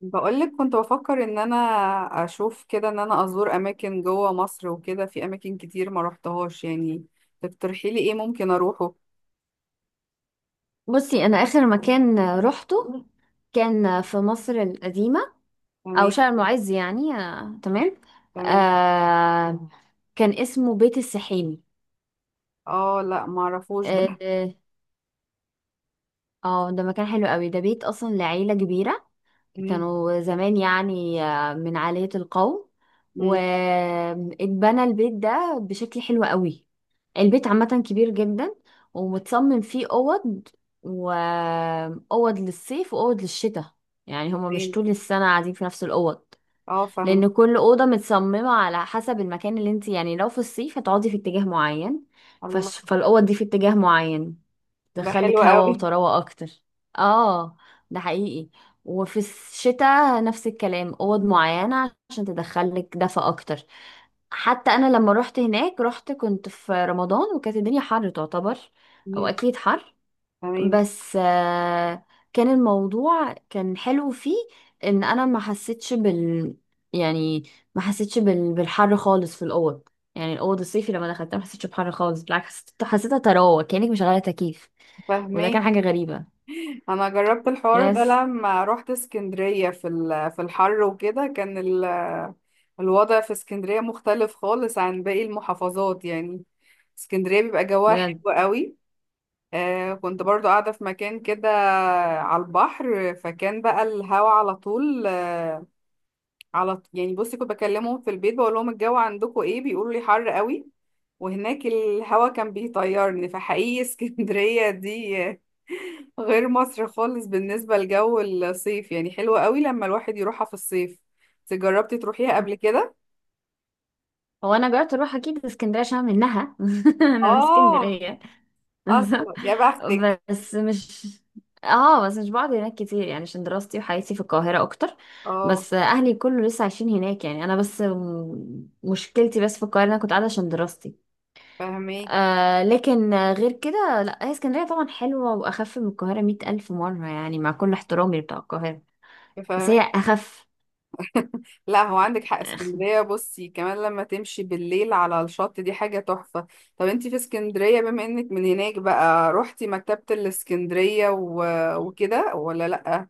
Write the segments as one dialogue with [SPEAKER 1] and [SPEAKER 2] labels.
[SPEAKER 1] بقولك، كنت بفكر ان انا اشوف كده ان انا ازور اماكن جوه مصر وكده. في اماكن كتير ما روحتهاش يعني. تقترحي لي ايه ممكن اروحه؟
[SPEAKER 2] بصي، انا اخر مكان روحته كان في مصر القديمة او
[SPEAKER 1] تمام.
[SPEAKER 2] شارع المعز يعني تمام.
[SPEAKER 1] تمام.
[SPEAKER 2] آه كان اسمه بيت السحيمي.
[SPEAKER 1] اه، لا ما اعرفوش
[SPEAKER 2] اه
[SPEAKER 1] ده.
[SPEAKER 2] آه، ده مكان حلو قوي، ده بيت اصلا لعيلة كبيرة
[SPEAKER 1] مم.
[SPEAKER 2] كانوا زمان يعني من عالية القوم.
[SPEAKER 1] مم.
[SPEAKER 2] واتبنى البيت ده بشكل حلو قوي. البيت عامة كبير جدا، ومتصمم فيه أوض، وأوض للصيف وأوض للشتاء. يعني هما مش
[SPEAKER 1] تمام.
[SPEAKER 2] طول السنة قاعدين في نفس الأوض،
[SPEAKER 1] اه فاهم.
[SPEAKER 2] لأن كل أوضة متصممة على حسب المكان اللي انت يعني لو في الصيف هتقعدي في اتجاه معين،
[SPEAKER 1] الله.
[SPEAKER 2] فالأوض دي في اتجاه معين
[SPEAKER 1] ده حلو
[SPEAKER 2] تدخلك هوا
[SPEAKER 1] قوي.
[SPEAKER 2] وطراوة اكتر. اه، ده حقيقي. وفي الشتاء نفس الكلام، اوض معينة عشان تدخلك دفا اكتر. حتى انا لما رحت هناك رحت كنت في رمضان، وكانت الدنيا حر تعتبر، او
[SPEAKER 1] مم.
[SPEAKER 2] اكيد حر.
[SPEAKER 1] تمام.
[SPEAKER 2] بس كان الموضوع كان حلو فيه، ان انا ما حسيتش بال، يعني ما حسيتش بالحر خالص في الاوض. يعني الاوض الصيفي لما دخلتها ما حسيتش بحر خالص، بالعكس حسيتها طراوه كانك مشغله تكييف. وده كان
[SPEAKER 1] فهماكي.
[SPEAKER 2] حاجة غريبة.
[SPEAKER 1] انا جربت الحوار
[SPEAKER 2] يس،
[SPEAKER 1] ده لما روحت اسكندرية في في الحر وكده كان الوضع في اسكندرية مختلف خالص عن باقي المحافظات يعني. اسكندرية بيبقى جواها
[SPEAKER 2] بجد.
[SPEAKER 1] حلو قوي. كنت برضو قاعدة في مكان كده على البحر، فكان بقى الهوا على طول. يعني بصي كنت بكلمهم في البيت بقول لهم الجو عندكم ايه، بيقولوا لي حر قوي. وهناك الهوا كان بيطيرني، فحقيقي اسكندرية دي غير مصر خالص بالنسبة لجو الصيف يعني. حلوة قوي لما الواحد يروحها في الصيف. انت جربتي تروحيها قبل كده؟
[SPEAKER 2] هو انا جربت اروح اكيد اسكندريه عشان أنا منها، انا من
[SPEAKER 1] اه.
[SPEAKER 2] اسكندريه.
[SPEAKER 1] اصلا يا بختك.
[SPEAKER 2] بس مش اه بس مش بقعد هناك كتير يعني عشان دراستي وحياتي في القاهره اكتر.
[SPEAKER 1] اه
[SPEAKER 2] بس اهلي كله لسه عايشين هناك، يعني انا بس مشكلتي بس في القاهره إن انا كنت قاعده عشان دراستي.
[SPEAKER 1] فاهمك.
[SPEAKER 2] آه، لكن غير كده لا، هي اسكندريه طبعا حلوه واخف من القاهره 100,000 مره يعني، مع كل احترامي بتاع القاهره، بس هي
[SPEAKER 1] فاهمك.
[SPEAKER 2] اخف.
[SPEAKER 1] لا هو عندك حق. اسكندرية بصي كمان لما تمشي بالليل على الشط دي حاجة تحفة. طب انتي في اسكندرية بما انك من هناك بقى روحتي مكتبة الاسكندرية وكده، ولا لأ؟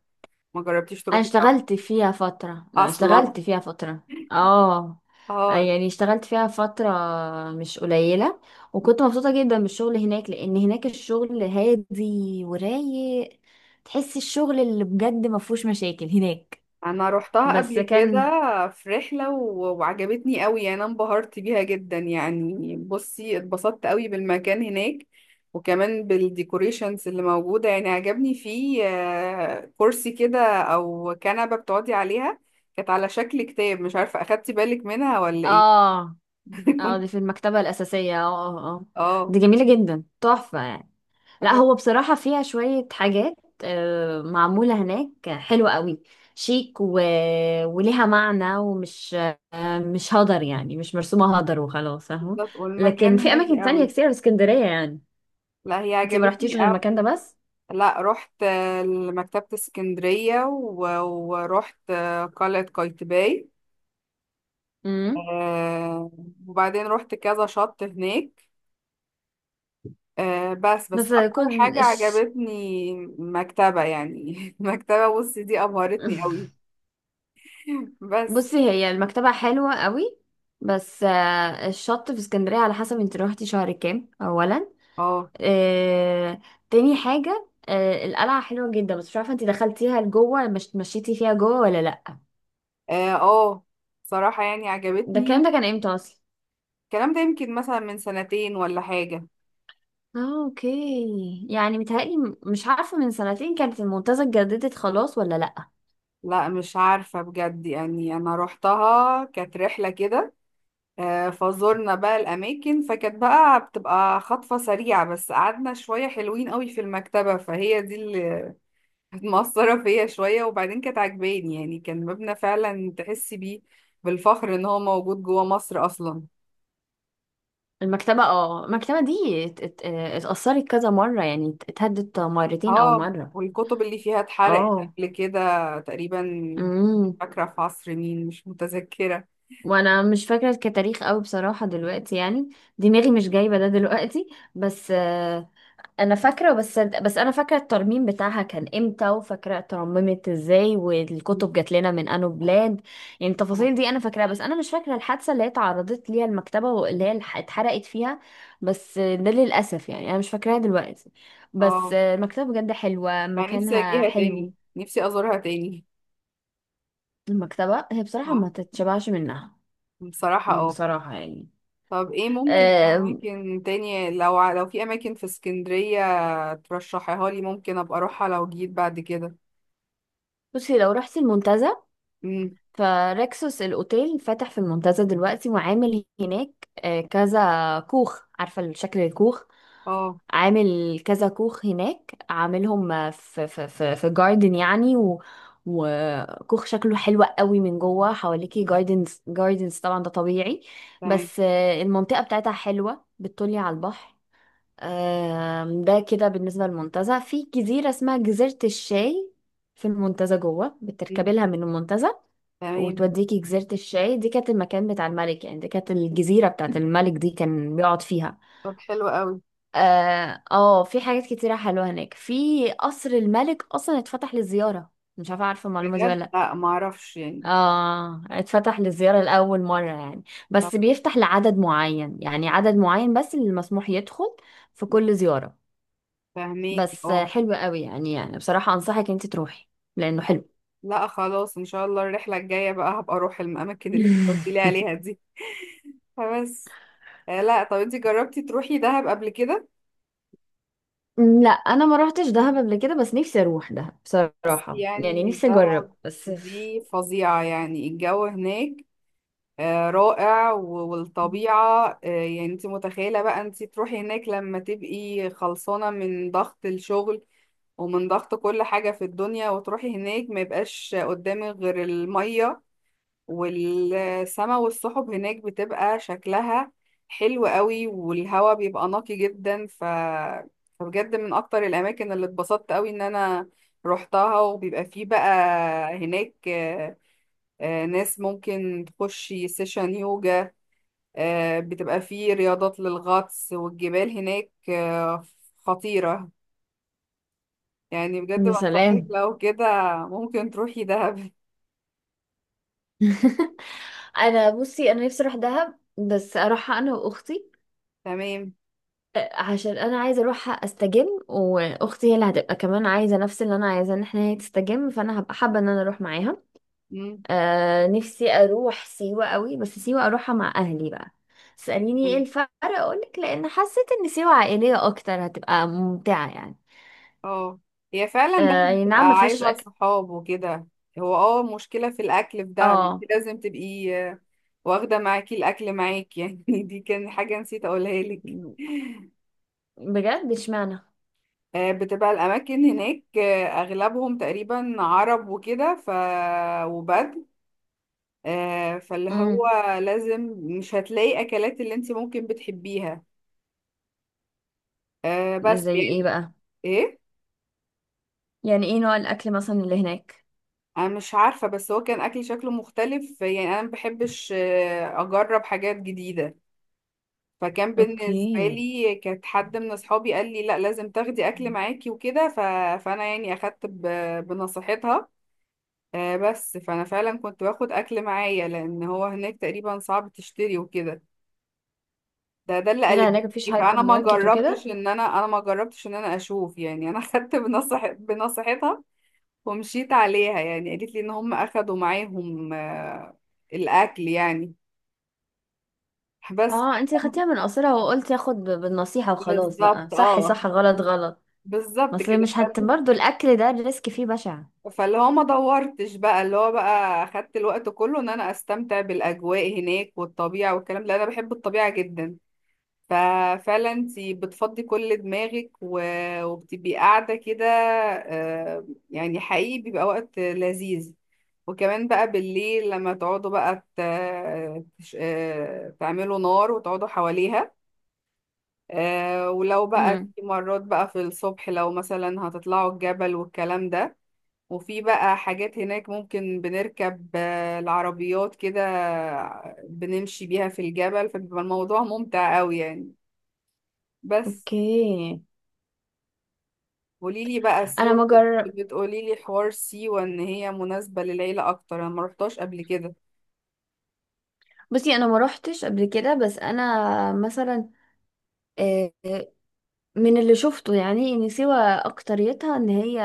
[SPEAKER 1] ما جربتيش تروحيها؟
[SPEAKER 2] انا
[SPEAKER 1] اصلا؟
[SPEAKER 2] اشتغلت فيها فترة. اه
[SPEAKER 1] اه.
[SPEAKER 2] يعني اشتغلت فيها فترة مش قليلة. وكنت مبسوطة جدا بالشغل هناك، لان هناك الشغل هادي ورايق. تحس الشغل اللي بجد ما فيهوش مشاكل هناك.
[SPEAKER 1] انا روحتها
[SPEAKER 2] بس
[SPEAKER 1] قبل كده
[SPEAKER 2] كان.
[SPEAKER 1] في رحله وعجبتني قوي يعني. انا انبهرت بيها جدا يعني. بصي اتبسطت قوي بالمكان هناك، وكمان بالديكوريشنز اللي موجوده. يعني عجبني فيه كرسي كده او كنبه بتقعدي عليها كانت على شكل كتاب. مش عارفه اخدتي بالك منها ولا ايه؟
[SPEAKER 2] اه اه دي
[SPEAKER 1] كنت-
[SPEAKER 2] في المكتبة الأساسية. اه
[SPEAKER 1] اه.
[SPEAKER 2] دي جميلة جدا، تحفة يعني. لا هو بصراحة فيها شوية حاجات معمولة هناك حلوة قوي، شيك و... وليها معنى ومش مش هدر، يعني مش مرسومة هدر وخلاص، فاهمة.
[SPEAKER 1] بالظبط،
[SPEAKER 2] لكن
[SPEAKER 1] والمكان
[SPEAKER 2] في
[SPEAKER 1] هادي
[SPEAKER 2] أماكن تانية
[SPEAKER 1] قوي.
[SPEAKER 2] كتير في اسكندرية يعني.
[SPEAKER 1] لا هي
[SPEAKER 2] انت ما
[SPEAKER 1] عجبتني
[SPEAKER 2] رحتيش غير المكان
[SPEAKER 1] قوي.
[SPEAKER 2] ده بس؟
[SPEAKER 1] لا رحت لمكتبه اسكندريه ورحت قلعه قايتباي.
[SPEAKER 2] امم.
[SPEAKER 1] آه، وبعدين رحت كذا شط هناك. بس
[SPEAKER 2] بس
[SPEAKER 1] اكتر
[SPEAKER 2] كن
[SPEAKER 1] حاجة
[SPEAKER 2] الش...
[SPEAKER 1] عجبتني مكتبة يعني، مكتبة. بصي دي ابهرتني قوي. بس.
[SPEAKER 2] بصي هي المكتبة حلوة قوي. بس الشط في اسكندرية على حسب انت روحتي شهر كام أولا.
[SPEAKER 1] اه.
[SPEAKER 2] آه، تاني حاجة، القلعة حلوة جدا، بس مش عارفة انتي دخلتيها لجوه، مش مشيتي فيها جوه ولا لأ.
[SPEAKER 1] اه. صراحة يعني
[SPEAKER 2] ده الكلام
[SPEAKER 1] عجبتني.
[SPEAKER 2] ده كان امتى اصلا؟
[SPEAKER 1] الكلام ده يمكن مثلا من سنتين ولا حاجة.
[SPEAKER 2] اه، اوكي، يعني متهيألي مش عارفة من 2 سنين كانت المنتزه اتجددت خلاص ولا لأ.
[SPEAKER 1] لا مش عارفة بجد يعني. أنا روحتها كانت رحلة كده، فزورنا بقى الأماكن فكانت بقى بتبقى خطفة سريعة، بس قعدنا شوية حلوين قوي في المكتبة فهي دي كانت مأثرة فيا شوية. وبعدين كانت عجباني يعني، كان مبنى فعلا تحسي بيه بالفخر ان هو موجود جوه مصر اصلا.
[SPEAKER 2] المكتبة، اه، المكتبة دي اتأثرت كذا مرة، يعني اتهدت مرتين أو
[SPEAKER 1] اه،
[SPEAKER 2] مرة
[SPEAKER 1] والكتب اللي فيها اتحرقت
[SPEAKER 2] اه.
[SPEAKER 1] قبل كده تقريبا، مش
[SPEAKER 2] امم.
[SPEAKER 1] فاكرة في عصر مين، مش متذكرة.
[SPEAKER 2] وانا مش فاكرة كتاريخ قوي بصراحة دلوقتي يعني. دماغي مش جايبة ده دلوقتي. بس انا فاكره، بس انا فاكره الترميم بتاعها كان امتى، وفاكره اترممت ازاي، والكتب جات لنا من انو بلاد. يعني
[SPEAKER 1] اه.
[SPEAKER 2] التفاصيل دي انا فاكراها، بس انا مش فاكره الحادثه اللي هي اتعرضت ليها المكتبه، واللي هي اتحرقت فيها. بس ده للاسف يعني انا مش فاكراها دلوقتي. بس
[SPEAKER 1] اه.
[SPEAKER 2] المكتبه بجد حلوه،
[SPEAKER 1] مع نفسي
[SPEAKER 2] مكانها
[SPEAKER 1] اجيها
[SPEAKER 2] حلو.
[SPEAKER 1] تاني، نفسي ازورها تاني.
[SPEAKER 2] المكتبه هي بصراحه ما
[SPEAKER 1] اه.
[SPEAKER 2] تتشبعش منها،
[SPEAKER 1] بصراحة اه.
[SPEAKER 2] بصراحه يعني.
[SPEAKER 1] طب ايه ممكن
[SPEAKER 2] أه،
[SPEAKER 1] اماكن تانية، لو لو في اماكن في اسكندرية ترشحيها لي ممكن ابقى اروحها لو جيت بعد كده؟
[SPEAKER 2] بصي لو رحتي المنتزه،
[SPEAKER 1] امم.
[SPEAKER 2] فريكسوس الأوتيل فاتح في المنتزه دلوقتي، وعامل هناك كذا كوخ. عارفة الشكل الكوخ؟
[SPEAKER 1] اه.
[SPEAKER 2] عامل كذا كوخ هناك، عاملهم في جاردن يعني. و وكوخ شكله حلو قوي من جوه، حواليكي جاردنز، جاردنز طبعا ده طبيعي.
[SPEAKER 1] تمام.
[SPEAKER 2] بس المنطقة بتاعتها حلوة، بتطلي على البحر. ده كده بالنسبة للمنتزه. في جزيرة اسمها جزيرة الشاي في المنتزه جوه، بتركبي لها من المنتزه
[SPEAKER 1] تمام.
[SPEAKER 2] وتوديكي جزيرة الشاي. دي كانت المكان بتاع الملك، يعني دي كانت الجزيرة بتاعت الملك، دي كان بيقعد فيها.
[SPEAKER 1] طب حلو قوي.
[SPEAKER 2] اه، في حاجات كتيرة حلوة هناك، في قصر الملك أصلا اتفتح للزيارة. مش عارفة عارفة المعلومة دي ولا
[SPEAKER 1] بجد
[SPEAKER 2] لأ.
[SPEAKER 1] لا ما اعرفش يعني.
[SPEAKER 2] اه، اتفتح للزيارة لأول مرة يعني.
[SPEAKER 1] طب.
[SPEAKER 2] بس بيفتح لعدد معين، يعني عدد معين بس اللي مسموح يدخل في كل زيارة.
[SPEAKER 1] فهميكي
[SPEAKER 2] بس
[SPEAKER 1] اه.
[SPEAKER 2] حلو قوي يعني، يعني بصراحة أنصحك انت تروحي لأنه حلو.
[SPEAKER 1] لا خلاص، ان شاء الله الرحله الجايه بقى هبقى اروح الاماكن اللي انت قلت لي عليها دي. فبس. لا طب انت جربتي تروحي دهب قبل كده؟
[SPEAKER 2] لا، انا ما روحتش دهب قبل كده، بس نفسي اروح دهب بصراحه يعني،
[SPEAKER 1] يعني
[SPEAKER 2] نفسي اجرب
[SPEAKER 1] دهب دي فظيعه يعني. الجو هناك رائع والطبيعه يعني، انت متخيله بقى انت تروحي هناك لما تبقي خلصانه من ضغط الشغل ومن ضغط كل حاجة في الدنيا، وتروحي هناك ما يبقاش قدامك غير المية والسما، والسحب هناك بتبقى شكلها حلو قوي، والهواء بيبقى نقي جدا. فبجد من اكتر الاماكن اللي اتبسطت قوي ان انا روحتها. وبيبقى فيه بقى هناك ناس ممكن تخشي سيشن يوجا. بتبقى فيه رياضات للغطس والجبال هناك خطيرة يعني. بجد
[SPEAKER 2] يا
[SPEAKER 1] بنصحك
[SPEAKER 2] سلام.
[SPEAKER 1] لو كده ممكن تروحي دهب.
[SPEAKER 2] انا بصي انا نفسي اروح دهب، بس اروحها انا واختي.
[SPEAKER 1] تمام.
[SPEAKER 2] عشان انا عايزه اروحها استجم، واختي هي اللي هتبقى كمان عايزه نفس اللي انا عايزاه، ان احنا هي تستجم، فانا هبقى حابه ان انا اروح معاها.
[SPEAKER 1] مم.
[SPEAKER 2] آه، نفسي اروح سيوه قوي، بس سيوه اروحها مع اهلي بقى. تساليني ايه
[SPEAKER 1] مم.
[SPEAKER 2] الفرق، اقولك، لان حسيت ان سيوه عائليه اكتر، هتبقى ممتعه يعني.
[SPEAKER 1] اه. هي فعلا
[SPEAKER 2] آه
[SPEAKER 1] دهب
[SPEAKER 2] أي
[SPEAKER 1] بتبقى
[SPEAKER 2] نعم، ما فيهاش
[SPEAKER 1] عايزة
[SPEAKER 2] اكل.
[SPEAKER 1] صحاب وكده. هو مشكلة في الأكل في دهب. انت
[SPEAKER 2] اه،
[SPEAKER 1] لازم تبقي واخدة معاكي الأكل معاكي، يعني دي كان حاجة نسيت أقولها لك.
[SPEAKER 2] بجد؟ اشمعنى؟
[SPEAKER 1] بتبقى الأماكن هناك أغلبهم تقريبا عرب وكده وبدو. فاللي هو
[SPEAKER 2] امم.
[SPEAKER 1] لازم مش هتلاقي أكلات اللي انت ممكن بتحبيها. بس
[SPEAKER 2] زي ايه
[SPEAKER 1] يعني.
[SPEAKER 2] بقى؟
[SPEAKER 1] ايه؟
[SPEAKER 2] يعني ايه نوع الاكل مثلا اللي هناك؟
[SPEAKER 1] انا مش عارفة، بس هو كان اكلي شكله مختلف يعني. انا ما بحبش اجرب حاجات جديدة، فكان بالنسبة
[SPEAKER 2] اوكي.
[SPEAKER 1] لي كانت حد من اصحابي قال لي لا لازم تاخدي اكل معاكي وكده. فانا يعني اخدت بنصيحتها. بس فانا فعلا كنت باخد اكل معايا لان هو هناك تقريبا صعب تشتري وكده. ده اللي
[SPEAKER 2] ايه ده،
[SPEAKER 1] قالت
[SPEAKER 2] هناك
[SPEAKER 1] لي.
[SPEAKER 2] مفيش هايبر
[SPEAKER 1] فانا ما
[SPEAKER 2] ماركت
[SPEAKER 1] جربتش
[SPEAKER 2] وكده؟
[SPEAKER 1] ان انا انا ما جربتش ان انا اشوف يعني. انا اخدت بنصيحتها، ومشيت عليها يعني. قالت لي ان هم اخدوا معاهم الاكل يعني. بس.
[SPEAKER 2] اه، انتي خدتيها من قصرها وقلت اخد بالنصيحة وخلاص بقى،
[SPEAKER 1] بالظبط
[SPEAKER 2] صح
[SPEAKER 1] اه.
[SPEAKER 2] صح غلط غلط. ما
[SPEAKER 1] بالظبط
[SPEAKER 2] اصل
[SPEAKER 1] كده
[SPEAKER 2] مش هت برضه الاكل ده الريسك فيه بشع.
[SPEAKER 1] فاللي هو ما دورتش بقى، اللي هو بقى اخدت الوقت كله ان انا استمتع بالاجواء هناك والطبيعة والكلام ده. انا بحب الطبيعة جدا، ففعلا انت بتفضي كل دماغك وبتبقي قاعدة كده. يعني حقيقي بيبقى وقت لذيذ. وكمان بقى بالليل لما تقعدوا بقى تعملوا نار وتقعدوا حواليها. ولو بقى
[SPEAKER 2] امم.
[SPEAKER 1] في مرات بقى في الصبح لو مثلا هتطلعوا الجبل والكلام ده. وفي بقى حاجات هناك ممكن بنركب العربيات كده بنمشي بيها في الجبل، فبيبقى الموضوع ممتع قوي يعني. بس.
[SPEAKER 2] اوكي.
[SPEAKER 1] قولي لي بقى
[SPEAKER 2] انا ما
[SPEAKER 1] سيوة.
[SPEAKER 2] جر...
[SPEAKER 1] بتقولي لي حوار سيوة ان هي مناسبة للعيلة اكتر، انا ما رحتهاش قبل كده.
[SPEAKER 2] بصي انا ما روحتش قبل كده، بس انا مثلا آه، من اللي شفته يعني ان سيوة اكتريتها ان هي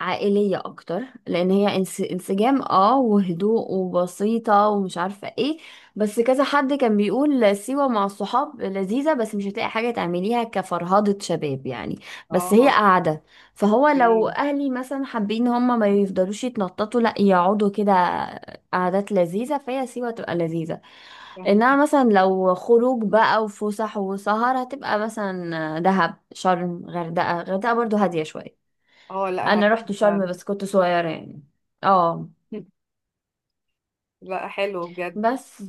[SPEAKER 2] عائلية أكتر، لأن هي انسجام اه، وهدوء وبسيطة ومش عارفة ايه. بس كذا حد كان بيقول سيوة مع الصحاب لذيذة، بس مش هتلاقي حاجة تعمليها كفرهدة شباب يعني، بس هي
[SPEAKER 1] اه.
[SPEAKER 2] قاعدة. فهو لو
[SPEAKER 1] أمم.
[SPEAKER 2] أهلي مثلا حابين هما ما يفضلوش يتنططوا، لأ يقعدوا كده قعدات لذيذة، فهي سيوة تبقى لذيذة.
[SPEAKER 1] فهمي
[SPEAKER 2] انها مثلا لو خروج بقى وفسح وسهر، هتبقى مثلا دهب، شرم، غردقة. غردقة برضو هادية شوية.
[SPEAKER 1] اه. لا
[SPEAKER 2] انا رحت شرم
[SPEAKER 1] فعلا.
[SPEAKER 2] بس كنت صغيرة يعني. اه.
[SPEAKER 1] لا حلو بجد.
[SPEAKER 2] بس،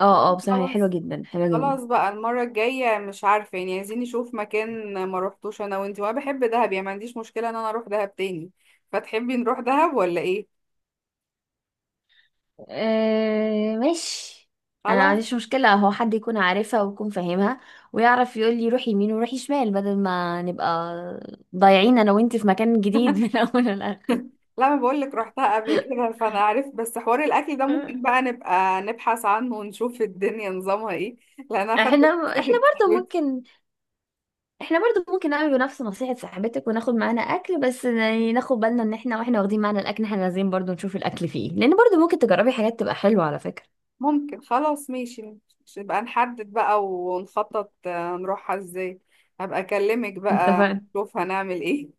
[SPEAKER 2] اه اه بصراحة هي حلوة
[SPEAKER 1] خلاص.
[SPEAKER 2] جدا، حلوة جدا.
[SPEAKER 1] خلاص بقى المرة الجاية، مش عارفة يعني، عايزين نشوف مكان ما رحتوش انا وانتي، وانا بحب دهب يعني ما عنديش مشكلة ان انا اروح دهب تاني. فتحبي نروح دهب ولا ايه؟
[SPEAKER 2] آه ماشي. انا ما
[SPEAKER 1] خلاص.
[SPEAKER 2] عنديش مشكلة، هو حد يكون عارفها ويكون فاهمها، ويعرف يقول لي روحي يمين وروحي شمال، بدل ما نبقى ضايعين انا وانت في مكان جديد من اول للاخر.
[SPEAKER 1] لا انا بقول لك رحتها قبل كده فانا عارف، بس حوار الاكل ده ممكن بقى نبقى نبحث عنه ونشوف الدنيا نظامها ايه، لان انا خدت
[SPEAKER 2] احنا احنا
[SPEAKER 1] نصيحة
[SPEAKER 2] برضو
[SPEAKER 1] صاحبتي.
[SPEAKER 2] ممكن، احنا برضو ممكن نعمل نفس نصيحة صاحبتك وناخد معانا اكل، بس يعني ناخد بالنا ان احنا واحنا واخدين معانا الاكل احنا لازم برضو نشوف الاكل فيه إيه. لان برضو ممكن تجربي حاجات تبقى حلوة على فكرة.
[SPEAKER 1] ممكن. خلاص ماشي. نبقى نحدد بقى ونخطط نروحها ازاي. هبقى اكلمك بقى
[SPEAKER 2] اتفقنا.
[SPEAKER 1] نشوف هنعمل ايه.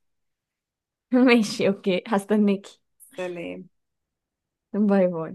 [SPEAKER 2] ماشي، اوكي، هستناكي.
[SPEAKER 1] سلام.
[SPEAKER 2] باي باي.